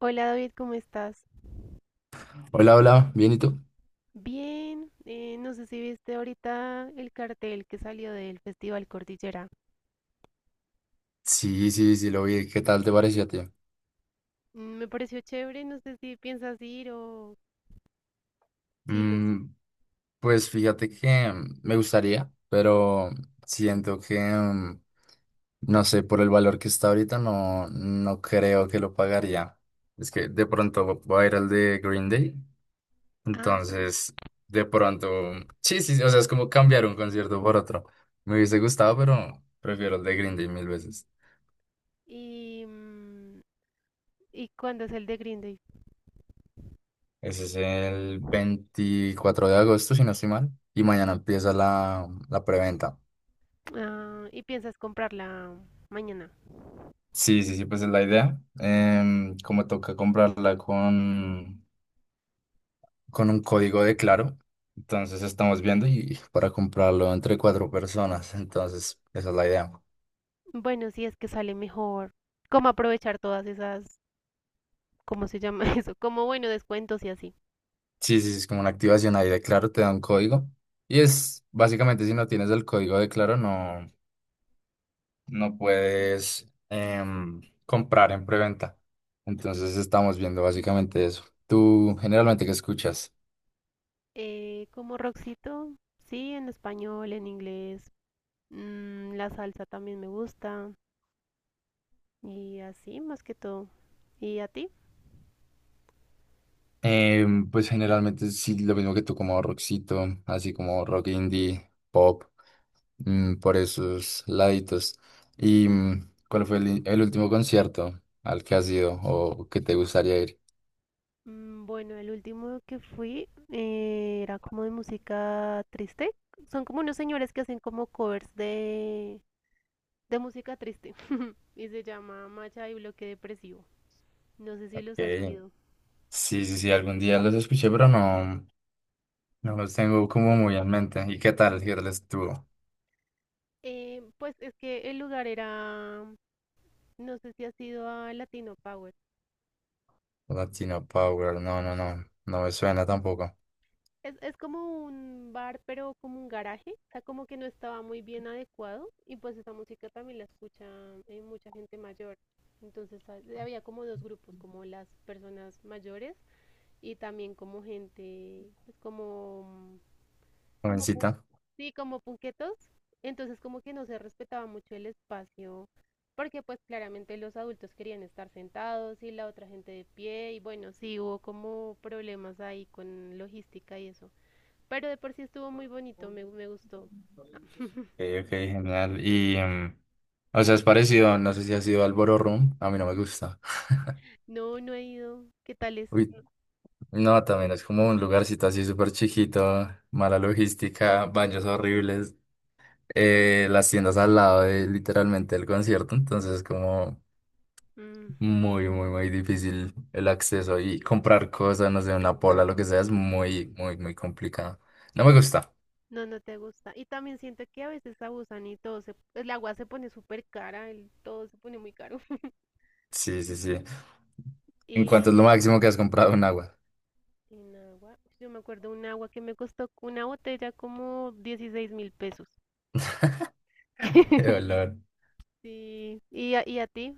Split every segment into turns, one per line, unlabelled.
Hola David, ¿cómo estás?
Hola, hola, ¿bien y tú?
Bien, no sé si viste ahorita el cartel que salió del Festival Cordillera.
Sí, sí, sí, lo vi. ¿Qué tal te pareció, tío?
Mm, me pareció chévere, no sé si piensas ir o sí. No sé.
Mm, pues fíjate que me gustaría, pero siento que, no sé, por el valor que está ahorita, no, no creo que lo pagaría. Es que de pronto voy a ir al de Green Day,
Ah,
entonces, de pronto, sí, sí, o sea, es como cambiar un concierto por otro. Me hubiese gustado, pero prefiero el de Green Day mil veces.
y, ¿y cuándo es el de Green Day?
Ese es el 24 de agosto, si no estoy mal. Y mañana empieza la preventa.
Ah, ¿y piensas comprarla mañana?
Sí, sí, sí, pues es la idea. Como toca comprarla con un código de Claro. Entonces estamos viendo y para comprarlo entre 4 personas. Entonces, esa es la idea.
Bueno, si es que sale mejor. ¿Cómo aprovechar todas esas, cómo se llama eso? Como bueno, descuentos y así.
Sí, sí, sí, es como una activación ahí de Claro, te da un código. Y es básicamente si no tienes el código de Claro, no. No puedes comprar en preventa. Entonces estamos viendo básicamente eso. ¿Tú generalmente qué escuchas?
Como Roxito, sí, en español, en inglés. Mm, la salsa también me gusta y así más que todo. ¿Y a ti?
Pues generalmente sí, lo mismo que tú, como rockcito, así como rock indie, pop, por esos laditos. ¿Y cuál fue el último concierto al que has ido o que te gustaría ir?
Mm, bueno, el último que fui era como de música triste. Son como unos señores que hacen como covers de música triste y se llama Macha y Bloque Depresivo. No sé si
Ok.
los has oído.
Sí, sí, sí, algún día los escuché, pero no, no los tengo como muy en mente. ¿Y qué tal? ¿Qué tal estuvo?
Pues es que el lugar era, no sé si has ido a Latino Power.
Latina Power, no, no, no, no me suena tampoco.
Es como un bar, pero como un garaje, o sea, como que no estaba muy bien adecuado y pues esa música también la escucha mucha gente mayor. Entonces ah, había como dos grupos, como las personas mayores y también como gente, pues como,
Jovencita.
sí, como punquetos. Entonces como que no se respetaba mucho el espacio, porque pues claramente los adultos querían estar sentados y la otra gente de pie y bueno, sí hubo como problemas ahí con logística y eso. Pero de por sí estuvo muy bonito, me gustó. Ah,
Ok, ok, genial. Y, o sea, es parecido, no sé si ha sido al Ballroom, a mí no me gusta.
no, no he ido. ¿Qué tal es?
Uy, no, también es como un lugarcito así súper chiquito, mala logística, baños horribles, las tiendas al lado de literalmente el concierto, entonces es como
Mm,
muy, muy, muy difícil el acceso y comprar cosas, no sé, una pola, lo que sea, es muy, muy, muy complicado. No me gusta.
no, no te gusta. Y también siento que a veces abusan y todo se, el agua se pone súper cara, el, todo se pone muy caro.
Sí, sí, sí. ¿En
Y
cuánto es lo máximo que has comprado en agua?
en agua, yo me acuerdo un agua que me costó una botella como 16.000 pesos.
Qué valor.
Sí, y a ti?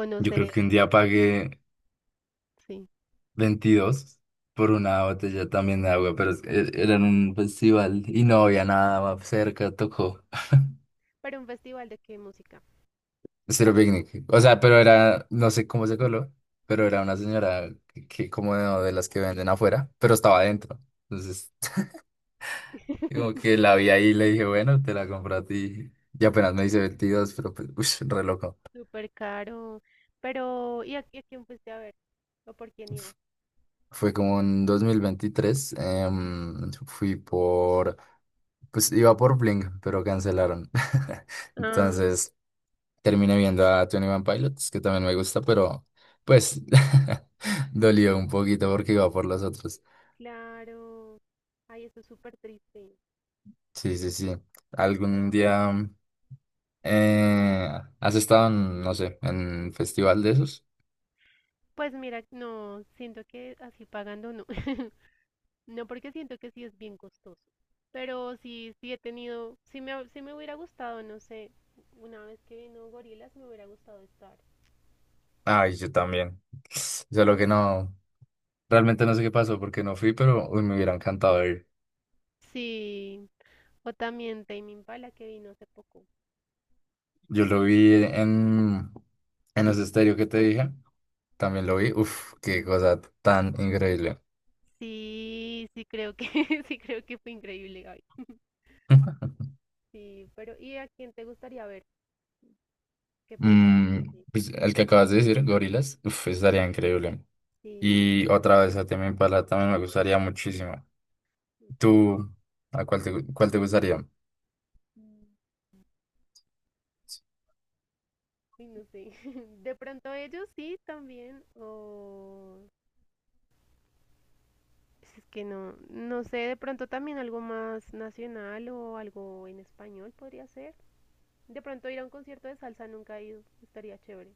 O no
Yo
sé,
creo que un día pagué
sí.
22 por una botella también de agua, pero era en un festival y no había nada más cerca, tocó.
Pero un festival de qué música.
Cero picnic. O sea, pero era, no sé cómo se coló, pero era una señora que como de las que venden afuera, pero estaba adentro. Entonces, como que la vi ahí y le dije, bueno, te la compro a ti. Y apenas me dice 22, pero pues, ush, re loco.
Súper caro. Pero, y a quién fuiste a ver? ¿O por quién ibas?
Fue como en 2023. Fui por, pues iba por Blink, pero cancelaron.
Ah,
Entonces terminé viendo a 21 Pilots, que también me gusta, pero pues dolió un poquito porque iba por los otros.
claro. Ay, eso es súper triste.
Sí, sí, sí. ¿Algún día eh, has estado en, no sé, en festival de esos?
Pues mira, no, siento que así pagando no. No, porque siento que sí es bien costoso. Pero sí, sí he tenido, sí sí me hubiera gustado, no sé, una vez que vino Gorillaz me hubiera gustado estar.
Ay, yo también. Solo que no, realmente no sé qué pasó porque no fui, pero uy, me hubiera encantado.
Sí, o también Tame Impala que vino hace poco.
Yo lo vi en los estéreo que te dije. También lo vi. Uf, qué cosa tan increíble.
Sí, sí creo que, sí creo que fue increíble, Gaby. Sí, pero ¿y a quién te gustaría ver? ¿Qué pudiera ver?
Pues, el que acabas de decir, gorilas, uf, estaría increíble.
Sí,
Y otra vez a Tame Impala también me gustaría muchísimo.
sí,
¿Tú a cuál te, cuál te gustaría?
ok. Uy, no sé. De pronto ellos sí también. O es que no, no sé, de pronto también algo más nacional o algo en español podría ser. De pronto ir a un concierto de salsa nunca he ido, estaría chévere.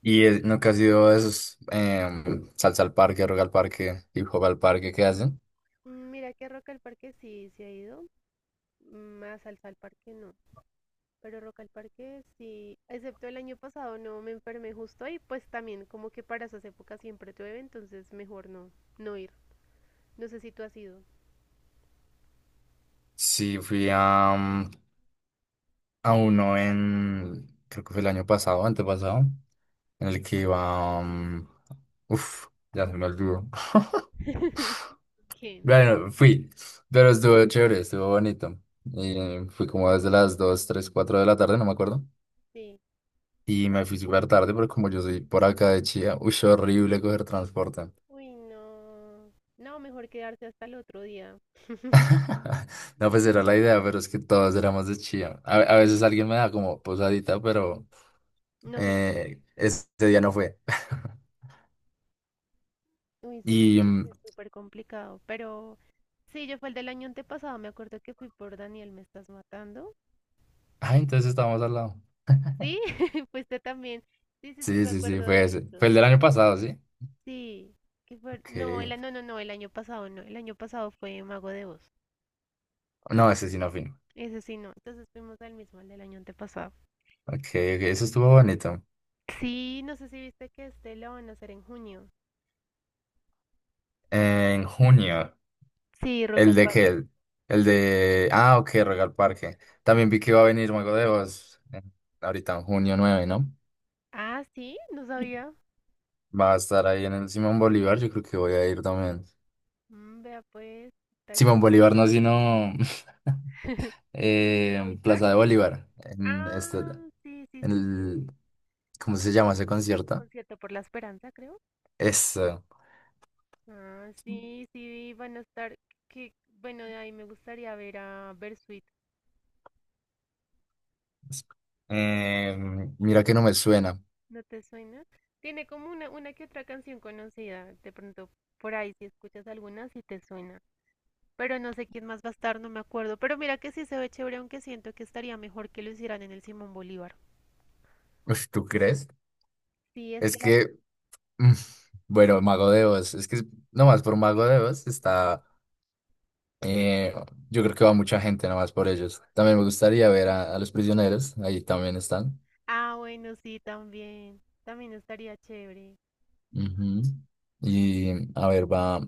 ¿Y nunca has ido a esos salsa al parque, rock al parque, hip hop al parque que hacen?
Mm, mira que Rock al Parque sí, sí ha ido. Más salsa al parque no. Pero Rock al Parque sí, excepto el año pasado no me enfermé justo y pues también como que para esas épocas siempre llueve, entonces mejor no, no ir. No sé si tú has ido.
Sí, fui a, a uno en, creo que fue el año pasado, antepasado. En el que iba uf, ya se me olvidó.
¿Quién?
Bueno, fui, pero estuvo chévere, estuvo bonito. Y fui como desde las 2 3 4 de la tarde, no me acuerdo.
Sí.
Y me fui súper tarde, pero como yo soy por acá de Chía, uy, horrible coger transporte.
Uy, no. No, mejor quedarse hasta el otro día.
No, pues era la idea, pero es que todos éramos de Chía. A veces alguien me da como posadita, pero
No se pudo.
este día no fue.
Uy, sí,
Y,
porque sí es súper complicado. Pero sí, yo fue el del año antepasado. Me acuerdo que fui por Daniel, ¿me estás matando?
ay, entonces estábamos al lado.
Sí, fuiste también. Sí, sí, sí,
Sí,
me
sí, sí,
acuerdo
fue
de
ese.
eso.
Fue el del año pasado, ¿sí?
Sí, que fue.
Ok.
No, no, no, no, el año pasado no. El año pasado fue Mago de Oz.
No, ese sí no firma.
Ese sí, no. Entonces fuimos al mismo, al del año antepasado.
Ok, ok, eso estuvo bonito.
Sí, no sé si viste que este lo van a hacer en junio.
En junio,
Sí, Rock
el
al
de qué
Parque.
el de, ah, ok, Royal Parque. También vi que iba a venir Mago de Oz, ahorita en 9 de junio, ¿no?
Ah, sí, no sabía.
Va a estar ahí en el Simón Bolívar, yo creo que voy a ir también.
Mm, vea pues, estaría.
Simón Bolívar no, sino
¿Movistar?
Plaza de Bolívar, en este,
Ah, sí, sí,
en el,
sí.
¿cómo se llama ese concierto?
Concierto por la Esperanza, creo.
Eso.
Ah, sí, sí, van a estar. Que, bueno, de ahí me gustaría ver a Bersuit.
Eh, Mira que no me suena.
¿No te suena? Tiene como una que otra canción conocida. De pronto, por ahí, si escuchas alguna, sí te suena. Pero no sé quién más va a estar, no me acuerdo. Pero mira que sí se ve chévere, aunque siento que estaría mejor que lo hicieran en el Simón Bolívar.
Uf, ¿tú crees?
Sí, es
Es
que la...
que Mm, bueno, Mago de Oz, es que nomás por Mago de Oz está, eh, yo creo que va mucha gente nomás por ellos. También me gustaría ver a los prisioneros, ahí también están.
Ah, bueno, sí, también. También estaría chévere.
Ujú. Y a ver, va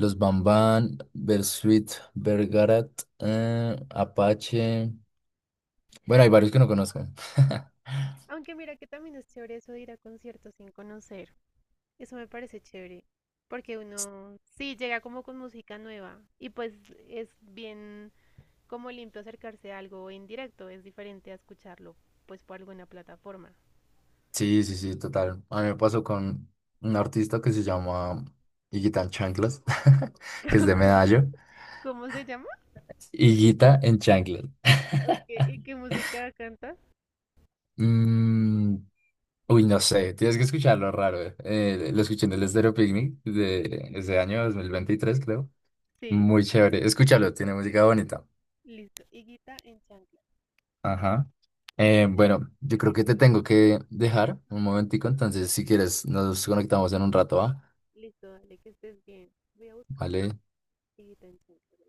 los Bamban, Bersuit, Bergarat, Apache. Bueno, hay varios que no conozco.
Aunque mira que también es chévere eso de ir a conciertos sin conocer. Eso me parece chévere. Porque uno sí llega como con música nueva y pues es bien como limpio acercarse a algo en directo, es diferente a escucharlo pues por alguna plataforma.
Sí, sí, sí, total. A mí me pasó con un artista que se llama Higuita en Chanclas, que es de Medallo.
¿Cómo se llama?
Higuita en Chanclas.
¿O qué- ¿Y qué música canta?
Mm, uy, no sé, tienes que escucharlo raro. Lo escuché en el Estéreo Picnic de ese año 2023, creo.
Sí,
Muy chévere. Escúchalo, tiene música bonita.
listo. Higuita en chanclas.
Ajá.
Yo no sé ahora
Bueno, yo
por
creo
qué
que te
colocan-
tengo que dejar un momentico, entonces si quieres nos conectamos en un rato, ¿va?
Listo, dale, que estés bien. Voy a buscar
Vale.
Higuita en chanclas.